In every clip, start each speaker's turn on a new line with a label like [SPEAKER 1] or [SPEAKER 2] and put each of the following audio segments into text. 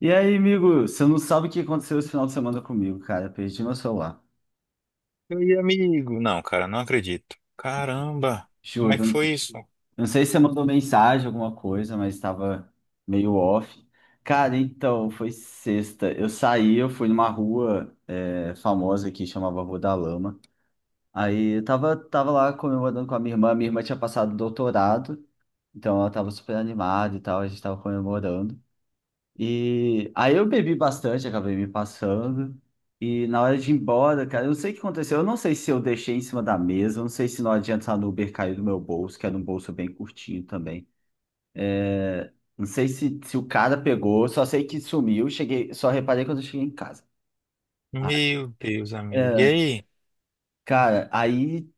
[SPEAKER 1] E aí, amigo, você não sabe o que aconteceu esse final de semana comigo, cara. Perdi meu celular.
[SPEAKER 2] Oi, amigo. Não, cara, não acredito. Caramba, como
[SPEAKER 1] Juro,
[SPEAKER 2] é que
[SPEAKER 1] eu não
[SPEAKER 2] foi
[SPEAKER 1] sei,
[SPEAKER 2] isso?
[SPEAKER 1] não sei se você mandou mensagem, alguma coisa, mas estava meio off. Cara, então, foi sexta. Eu fui numa rua famosa que chamava Rua da Lama. Aí eu tava lá comemorando com a minha irmã. Minha irmã tinha passado doutorado, então ela tava super animada e tal, a gente tava comemorando. E aí eu bebi bastante, acabei me passando. E na hora de ir embora, cara, eu não sei o que aconteceu. Eu não sei se eu deixei em cima da mesa, eu não sei se na hora de entrar no Uber caiu do meu bolso, que era um bolso bem curtinho também. É, não sei se o cara pegou, só sei que sumiu, cheguei, só reparei quando eu cheguei em casa. Ah,
[SPEAKER 2] Meu Deus, amigo. E
[SPEAKER 1] é,
[SPEAKER 2] aí?
[SPEAKER 1] cara, aí,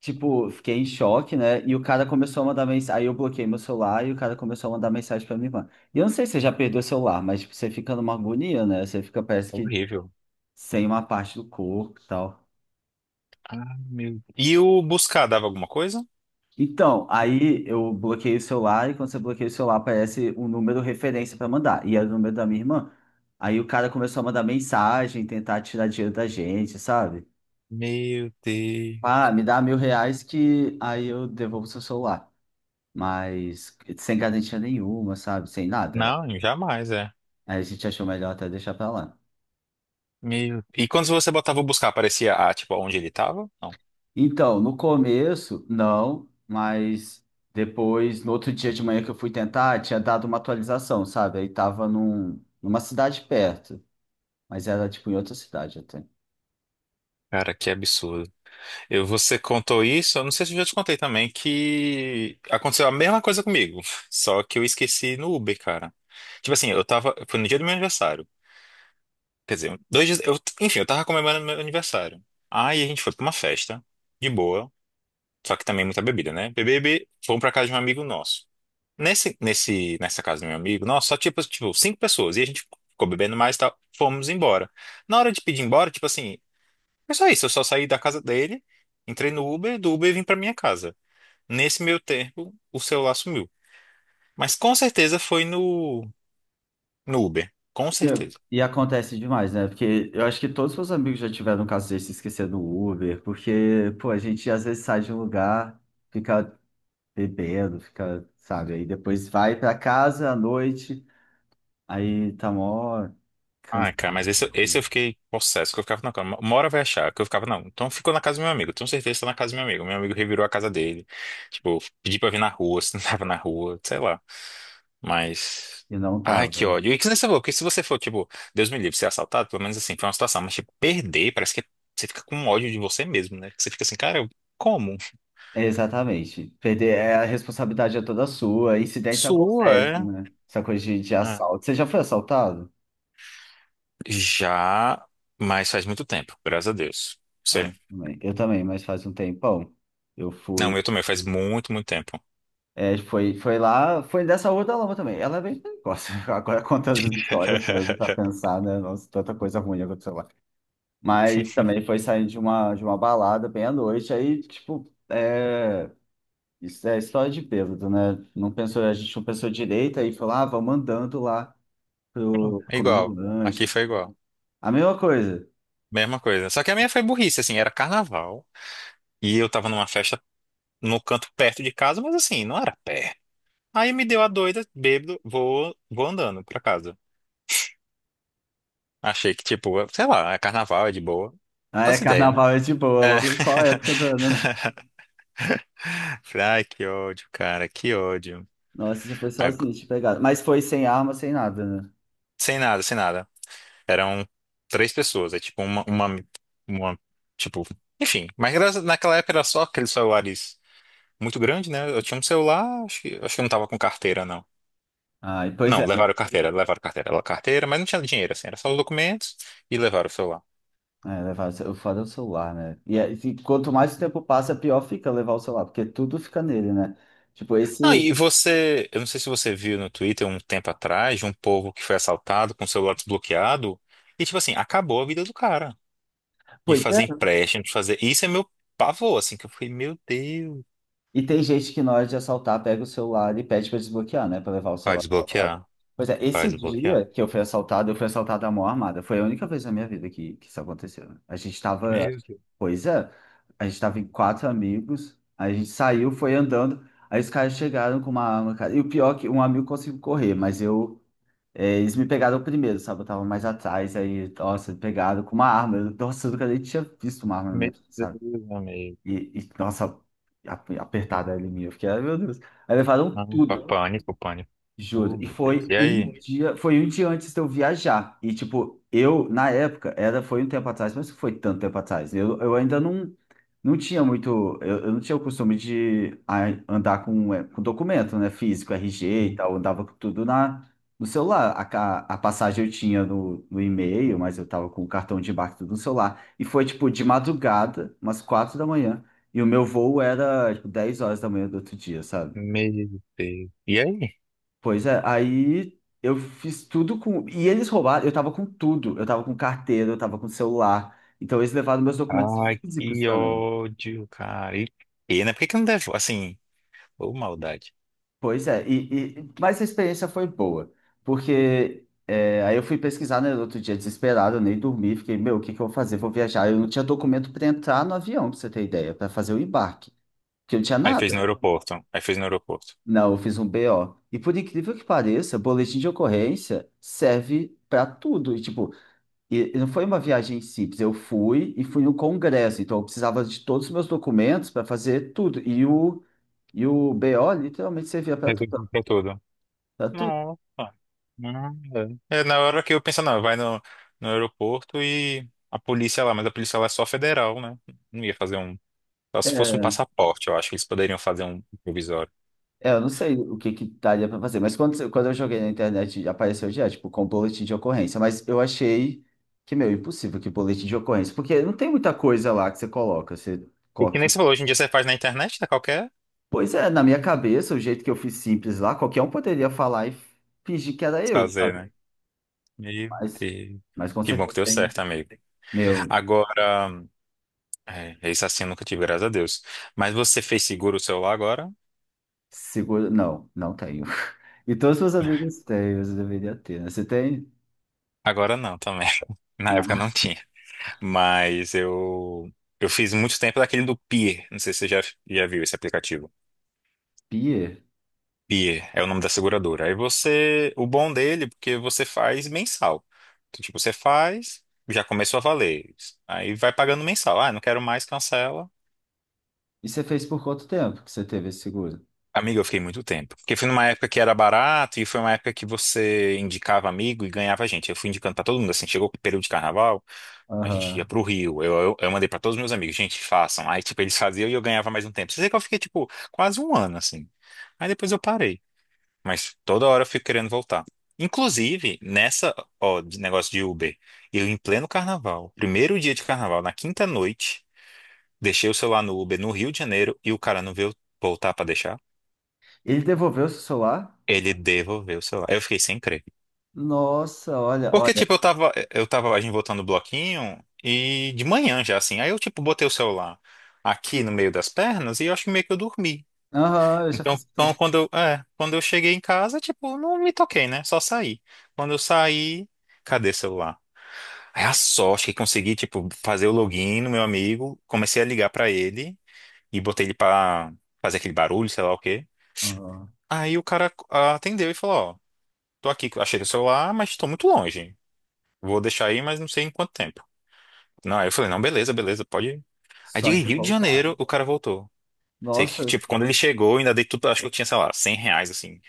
[SPEAKER 1] tipo, fiquei em choque, né? E o cara começou a mandar mensagem. Aí eu bloqueei meu celular e o cara começou a mandar mensagem pra minha irmã. E eu não sei se você já perdeu o celular, mas tipo, você fica numa agonia, né? Você fica, parece que
[SPEAKER 2] Horrível.
[SPEAKER 1] sem uma parte do corpo e tal.
[SPEAKER 2] Ah, meu... E o buscar dava alguma coisa?
[SPEAKER 1] Então, aí eu bloqueei o celular e quando você bloqueia o celular aparece um número referência para mandar. E era o número da minha irmã. Aí o cara começou a mandar mensagem, tentar tirar dinheiro da gente, sabe?
[SPEAKER 2] Meu Deus.
[SPEAKER 1] Ah, me dá R$ 1.000 que aí eu devolvo seu celular. Mas sem garantia nenhuma, sabe? Sem nada.
[SPEAKER 2] Não, jamais, é.
[SPEAKER 1] Aí a gente achou melhor até deixar pra lá.
[SPEAKER 2] Meu... E quando você botava o buscar, aparecia, ah, tipo, onde ele tava? Não.
[SPEAKER 1] Então, no começo, não, mas depois, no outro dia de manhã que eu fui tentar, tinha dado uma atualização, sabe? Aí tava numa cidade perto, mas era tipo em outra cidade até.
[SPEAKER 2] Cara, que absurdo. Você contou isso, eu não sei se eu já te contei também, que aconteceu a mesma coisa comigo, só que eu esqueci no Uber, cara. Tipo assim, foi no dia do meu aniversário. Quer dizer, dois dias. Enfim, eu tava comemorando meu aniversário. Aí a gente foi pra uma festa, de boa. Só que também muita bebida, né? Bebê, bebê, fomos pra casa de um amigo nosso. Nessa casa do meu amigo, nossa, só tipo, cinco pessoas. E a gente ficou bebendo mais e tal. Fomos embora. Na hora de pedir embora, tipo assim, é só isso. Eu só saí da casa dele, entrei no Uber, do Uber vim pra minha casa. Nesse meio tempo, o celular sumiu. Mas com certeza foi no Uber. Com
[SPEAKER 1] Entendo.
[SPEAKER 2] certeza.
[SPEAKER 1] E acontece demais, né? Porque eu acho que todos os meus amigos já tiveram um caso desse, esquecer do Uber, porque, pô, a gente às vezes sai de um lugar, fica bebendo, fica, sabe? Aí depois vai pra casa à noite, aí tá mó
[SPEAKER 2] Ai, cara,
[SPEAKER 1] cansado.
[SPEAKER 2] mas esse eu fiquei possesso, que eu ficava, não, cara, uma hora vai achar, que eu ficava, não, então ficou na casa do meu amigo, tenho certeza que tá na casa do meu amigo revirou a casa dele, tipo, pedi pra vir na rua, se não tava na rua, sei lá, mas,
[SPEAKER 1] E não
[SPEAKER 2] ai,
[SPEAKER 1] tava.
[SPEAKER 2] que ódio, e que nem você falou, que se você for, tipo, Deus me livre, ser assaltado, pelo menos assim, foi uma situação, mas, tipo, perder, parece que você fica com ódio de você mesmo, né, que você fica assim, cara, como?
[SPEAKER 1] Exatamente. Perder é a responsabilidade é toda sua. Incidentes
[SPEAKER 2] Sua,
[SPEAKER 1] acontecem,
[SPEAKER 2] é?
[SPEAKER 1] né? Essa coisa de
[SPEAKER 2] Ah.
[SPEAKER 1] assalto. Você já foi assaltado?
[SPEAKER 2] Já, mas faz muito tempo, graças a Deus,
[SPEAKER 1] Ah,
[SPEAKER 2] você...
[SPEAKER 1] eu também, mas faz um tempão. Eu
[SPEAKER 2] Não,
[SPEAKER 1] fui.
[SPEAKER 2] eu também, faz muito, muito tempo.
[SPEAKER 1] É, foi lá, foi dessa Rua da Lama também. Ela é bem precoce. Agora contando as histórias para pensar, né? Nossa, tanta coisa ruim aconteceu lá. Mas também foi saindo de uma balada bem à noite. Aí, tipo, isso é história de bêbado, né? Não pensou, a gente não pensou direito, aí foi lá, ah, vamos andando lá. Pro
[SPEAKER 2] É
[SPEAKER 1] comer um
[SPEAKER 2] igual. Aqui
[SPEAKER 1] lanche.
[SPEAKER 2] foi igual.
[SPEAKER 1] A mesma coisa.
[SPEAKER 2] Mesma coisa. Só que a minha foi burrice, assim, era carnaval. E eu tava numa festa no canto perto de casa, mas assim, não era perto. Aí me deu a doida, bêbado, vou, vou andando pra casa. Achei que, tipo, sei lá, é carnaval, é de boa.
[SPEAKER 1] Ah, é
[SPEAKER 2] As ideias, né?
[SPEAKER 1] carnaval, é de boa,
[SPEAKER 2] É.
[SPEAKER 1] logo qual a época do ano, né?
[SPEAKER 2] Falei, ai, que ódio, cara, que ódio.
[SPEAKER 1] Nossa, você foi
[SPEAKER 2] Agu-
[SPEAKER 1] sozinho, te pegaram. Mas foi sem arma, sem nada, né?
[SPEAKER 2] Sem nada, sem nada. Eram três pessoas, é tipo uma, tipo, enfim. Mas naquela época era só aqueles celulares. Muito grande, né? Eu tinha um celular, acho que eu não tava com carteira, não.
[SPEAKER 1] Ah, e pois
[SPEAKER 2] Não,
[SPEAKER 1] é, não.
[SPEAKER 2] levaram carteira, levaram carteira, levaram carteira, mas não tinha dinheiro, assim, era só os documentos e levaram o celular.
[SPEAKER 1] É, levar, o foda é o celular, né? E quanto mais o tempo passa, pior fica levar o celular, porque tudo fica nele, né? Tipo,
[SPEAKER 2] Não,
[SPEAKER 1] esse.
[SPEAKER 2] e você, eu não sei se você viu no Twitter um tempo atrás de um povo que foi assaltado com o celular desbloqueado e, tipo assim, acabou a vida do cara. De
[SPEAKER 1] Pois.
[SPEAKER 2] fazer empréstimo, de fazer. Isso é meu pavor, assim, que eu fui meu Deus,
[SPEAKER 1] E tem gente que na hora de assaltar pega o celular e pede para desbloquear, né? Para levar o
[SPEAKER 2] vai
[SPEAKER 1] celular assaltado.
[SPEAKER 2] desbloquear,
[SPEAKER 1] Pois é,
[SPEAKER 2] vai
[SPEAKER 1] esse
[SPEAKER 2] desbloquear.
[SPEAKER 1] dia que eu fui assaltado à mão armada. Foi a única vez na minha vida que isso aconteceu. Né?
[SPEAKER 2] Meu Deus,
[SPEAKER 1] Pois é, a gente tava em 4 amigos, a gente saiu, foi andando, aí os caras chegaram com uma arma, cara. E o pior é que um amigo conseguiu correr, mas eu, eles me pegaram primeiro, sabe? Eu tava mais atrás, aí, nossa, pegaram com uma arma. Eu- Nossa, eu nunca nem tinha visto uma arma na minha
[SPEAKER 2] meu
[SPEAKER 1] vida, sabe?
[SPEAKER 2] Deus, amigo.
[SPEAKER 1] E, Nossa, apertada ali minha. Eu fiquei, ai meu Deus. Aí levaram
[SPEAKER 2] Não,
[SPEAKER 1] tudo.
[SPEAKER 2] pânico, pânico.
[SPEAKER 1] Juro.
[SPEAKER 2] Oh,
[SPEAKER 1] E
[SPEAKER 2] meu Deus. E aí?
[SPEAKER 1] foi um dia antes de eu viajar. E tipo, eu, na época, era, foi um tempo atrás, mas não foi tanto tempo atrás. Eu ainda não tinha muito, eu não tinha o costume de andar com documento, né? Físico, RG e tal. Eu andava com tudo no celular. A passagem eu tinha no e-mail, mas eu tava com o cartão de embarque tudo no celular. E foi tipo de madrugada, umas 4 da manhã. E o meu voo era tipo 10 horas da manhã do outro dia, sabe?
[SPEAKER 2] Meu Deus. E aí?
[SPEAKER 1] Pois é, aí eu fiz tudo com. E eles roubaram, eu tava com tudo. Eu tava com carteira, eu tava com celular. Então eles levaram meus documentos
[SPEAKER 2] Ai,
[SPEAKER 1] físicos
[SPEAKER 2] que
[SPEAKER 1] também.
[SPEAKER 2] ódio, cara. E né? Por que que não deve? Assim, ô maldade.
[SPEAKER 1] Pois é, mas a experiência foi boa, porque é, aí eu fui pesquisar, né, no outro dia desesperado, eu nem dormi, fiquei, meu, o que que eu vou fazer? Vou viajar. Eu não tinha documento para entrar no avião, pra você ter ideia, para fazer o embarque, porque eu não tinha
[SPEAKER 2] Aí fez
[SPEAKER 1] nada.
[SPEAKER 2] no aeroporto. Aí fez no aeroporto.
[SPEAKER 1] Não, eu fiz um BO. E por incrível que pareça, boletim de ocorrência serve para tudo. E, tipo, e não foi uma viagem simples, eu fui e fui no congresso, então eu precisava de todos os meus documentos para fazer tudo. E o BO literalmente servia para tudo,
[SPEAKER 2] Resolvi pra tudo.
[SPEAKER 1] para tudo.
[SPEAKER 2] Nossa. Nada. É, na hora que eu penso, não, vai no aeroporto e a polícia lá, mas a polícia lá é só federal, né? Não ia fazer um. Só se fosse um
[SPEAKER 1] É,
[SPEAKER 2] passaporte, eu acho que eles poderiam fazer um provisório.
[SPEAKER 1] é, eu não sei o que que daria para fazer, mas quando eu joguei na internet apareceu já, tipo, com boletim de ocorrência, mas eu achei que, meu, impossível que boletim de ocorrência, porque não tem muita coisa lá que você
[SPEAKER 2] E que
[SPEAKER 1] coloca...
[SPEAKER 2] nem você falou, hoje em dia você faz na internet, tá? Qualquer
[SPEAKER 1] Pois é, na minha cabeça, o jeito que eu fiz simples lá, qualquer um poderia falar e fingir que era eu,
[SPEAKER 2] fazer,
[SPEAKER 1] sabe?
[SPEAKER 2] né? Meu
[SPEAKER 1] Mas,
[SPEAKER 2] Deus.
[SPEAKER 1] mas com
[SPEAKER 2] Que bom que
[SPEAKER 1] certeza
[SPEAKER 2] deu
[SPEAKER 1] tem.
[SPEAKER 2] certo, amigo.
[SPEAKER 1] Meu,
[SPEAKER 2] Agora, é, esse assim eu nunca tive, graças a Deus. Mas você fez seguro o celular agora?
[SPEAKER 1] seguro. Não, não tenho. E todos os meus amigos têm, você deveria ter, né? Você tem?
[SPEAKER 2] Agora não também. Na época
[SPEAKER 1] Ah,
[SPEAKER 2] não tinha. Mas eu fiz muito tempo daquele do Pier. Não sei se você já viu esse aplicativo.
[SPEAKER 1] Pia?
[SPEAKER 2] Pier é o nome da seguradora. Aí você, o bom dele, porque você faz mensal. Então, tipo, você faz, já começou a valer. Aí vai pagando mensal. Ah, não quero mais, cancela.
[SPEAKER 1] E você fez por quanto tempo que você teve esse seguro?
[SPEAKER 2] Amigo, eu fiquei muito tempo. Porque foi numa época que era barato e foi uma época que você indicava amigo e ganhava gente. Eu fui indicando pra todo mundo, assim, chegou o período de carnaval, a gente ia
[SPEAKER 1] Aham.
[SPEAKER 2] pro Rio. Eu mandei pra todos os meus amigos, gente, façam. Aí, tipo, eles faziam e eu ganhava mais um tempo. Você que eu fiquei, tipo, quase um ano, assim. Aí depois eu parei. Mas toda hora eu fico querendo voltar. Inclusive, nessa, ó, de negócio de Uber, eu em pleno carnaval, primeiro dia de carnaval, na quinta noite, deixei o celular no Uber no Rio de Janeiro e o cara não veio voltar pra deixar.
[SPEAKER 1] Ele devolveu o seu celular?
[SPEAKER 2] Ele devolveu o celular. Eu fiquei sem crer.
[SPEAKER 1] Nossa, olha,
[SPEAKER 2] Porque,
[SPEAKER 1] olha.
[SPEAKER 2] tipo, eu tava a gente voltando o bloquinho e de manhã já, assim. Aí eu, tipo, botei o celular aqui no meio das pernas e eu acho que meio que eu dormi.
[SPEAKER 1] Aham, eu já fiz
[SPEAKER 2] Então,
[SPEAKER 1] isso também.
[SPEAKER 2] quando eu, é, quando eu cheguei em casa, tipo, não me toquei, né? Só saí. Quando eu saí, cadê o celular? Aí a sorte que consegui, tipo, fazer o login no meu amigo, comecei a ligar pra ele e botei ele pra fazer aquele barulho, sei lá o quê.
[SPEAKER 1] Aham.
[SPEAKER 2] Aí o cara ah, atendeu e falou, ó, tô aqui, achei o celular, mas tô muito longe. Vou deixar aí, mas não sei em quanto tempo. Não, aí eu falei, não, beleza, beleza, pode ir. Aí de
[SPEAKER 1] Só de
[SPEAKER 2] Rio de
[SPEAKER 1] voltar.
[SPEAKER 2] Janeiro, o cara voltou. Sei que,
[SPEAKER 1] Nossa,
[SPEAKER 2] tipo, quando ele chegou, eu ainda dei tudo, acho que eu tinha, sei lá, R$ 100, assim,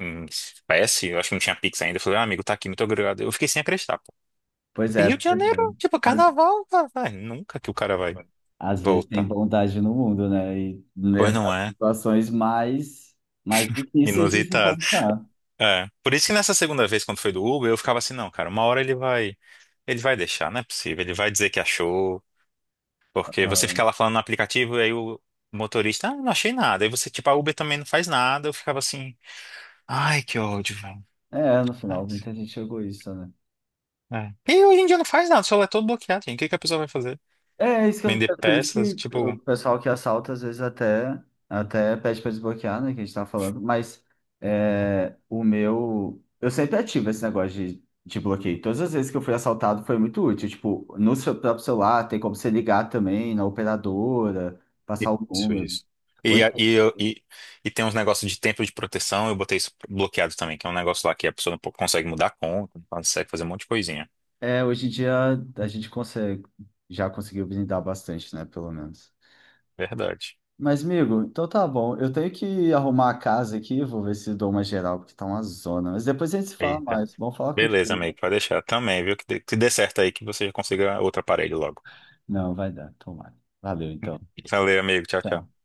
[SPEAKER 2] em espécie, eu acho que não tinha Pix ainda. Eu falei, ah, amigo, tá aqui, muito obrigado. Eu fiquei sem acreditar, pô.
[SPEAKER 1] pois
[SPEAKER 2] E
[SPEAKER 1] é,
[SPEAKER 2] Rio
[SPEAKER 1] pra
[SPEAKER 2] de
[SPEAKER 1] você ver.
[SPEAKER 2] Janeiro, tipo,
[SPEAKER 1] Às,
[SPEAKER 2] carnaval, vai, vai, nunca que o cara vai
[SPEAKER 1] às vezes tem
[SPEAKER 2] voltar.
[SPEAKER 1] bondade no mundo, né? E
[SPEAKER 2] Pois
[SPEAKER 1] mesmo
[SPEAKER 2] não
[SPEAKER 1] as
[SPEAKER 2] é?
[SPEAKER 1] situações mais, difíceis de se
[SPEAKER 2] Inusitado.
[SPEAKER 1] encontrar.
[SPEAKER 2] É. Por isso que nessa segunda vez, quando foi do Uber, eu ficava assim, não, cara, uma hora ele vai deixar, não é possível, ele vai dizer que achou. Porque você fica
[SPEAKER 1] Aham.
[SPEAKER 2] lá falando no aplicativo e aí o motorista, ah, não achei nada. Aí você, tipo, a Uber também não faz nada. Eu ficava assim, ai, que ódio, velho.
[SPEAKER 1] É, no final, muita gente chegou isso, né?
[SPEAKER 2] É. É. E hoje em dia não faz nada, o celular é todo bloqueado, gente. O que que a pessoa vai fazer?
[SPEAKER 1] É,
[SPEAKER 2] Vender
[SPEAKER 1] é por isso
[SPEAKER 2] peças,
[SPEAKER 1] que
[SPEAKER 2] tipo.
[SPEAKER 1] o pessoal que assalta às vezes até pede para desbloquear, né? Que a gente tá falando, mas é, o meu. Eu sempre ativo esse negócio de bloqueio. Todas as vezes que eu fui assaltado foi muito útil. Tipo, no seu próprio celular tem como você ligar também na operadora, passar o
[SPEAKER 2] Isso,
[SPEAKER 1] número.
[SPEAKER 2] isso. E,
[SPEAKER 1] Hoje,
[SPEAKER 2] a- e, eu- e, e tem uns negócios de tempo de proteção, eu botei isso bloqueado também, que é um negócio lá que a pessoa não consegue mudar a conta, não consegue fazer um monte de coisinha.
[SPEAKER 1] hoje em dia a gente consegue, já conseguiu blindar bastante, né? Pelo menos.
[SPEAKER 2] Verdade.
[SPEAKER 1] Mas, amigo, então tá bom. Eu tenho que arrumar a casa aqui, vou ver se dou uma geral, porque tá uma zona. Mas depois a gente se fala
[SPEAKER 2] Eita.
[SPEAKER 1] mais. Vamos falar
[SPEAKER 2] Beleza,
[SPEAKER 1] contigo.
[SPEAKER 2] amigo, pode deixar também, viu? Que dê certo aí, que você já consiga outro aparelho logo.
[SPEAKER 1] Não, vai dar, tomara. Valeu, então.
[SPEAKER 2] Valeu, amigo. Tchau,
[SPEAKER 1] Tchau.
[SPEAKER 2] tchau.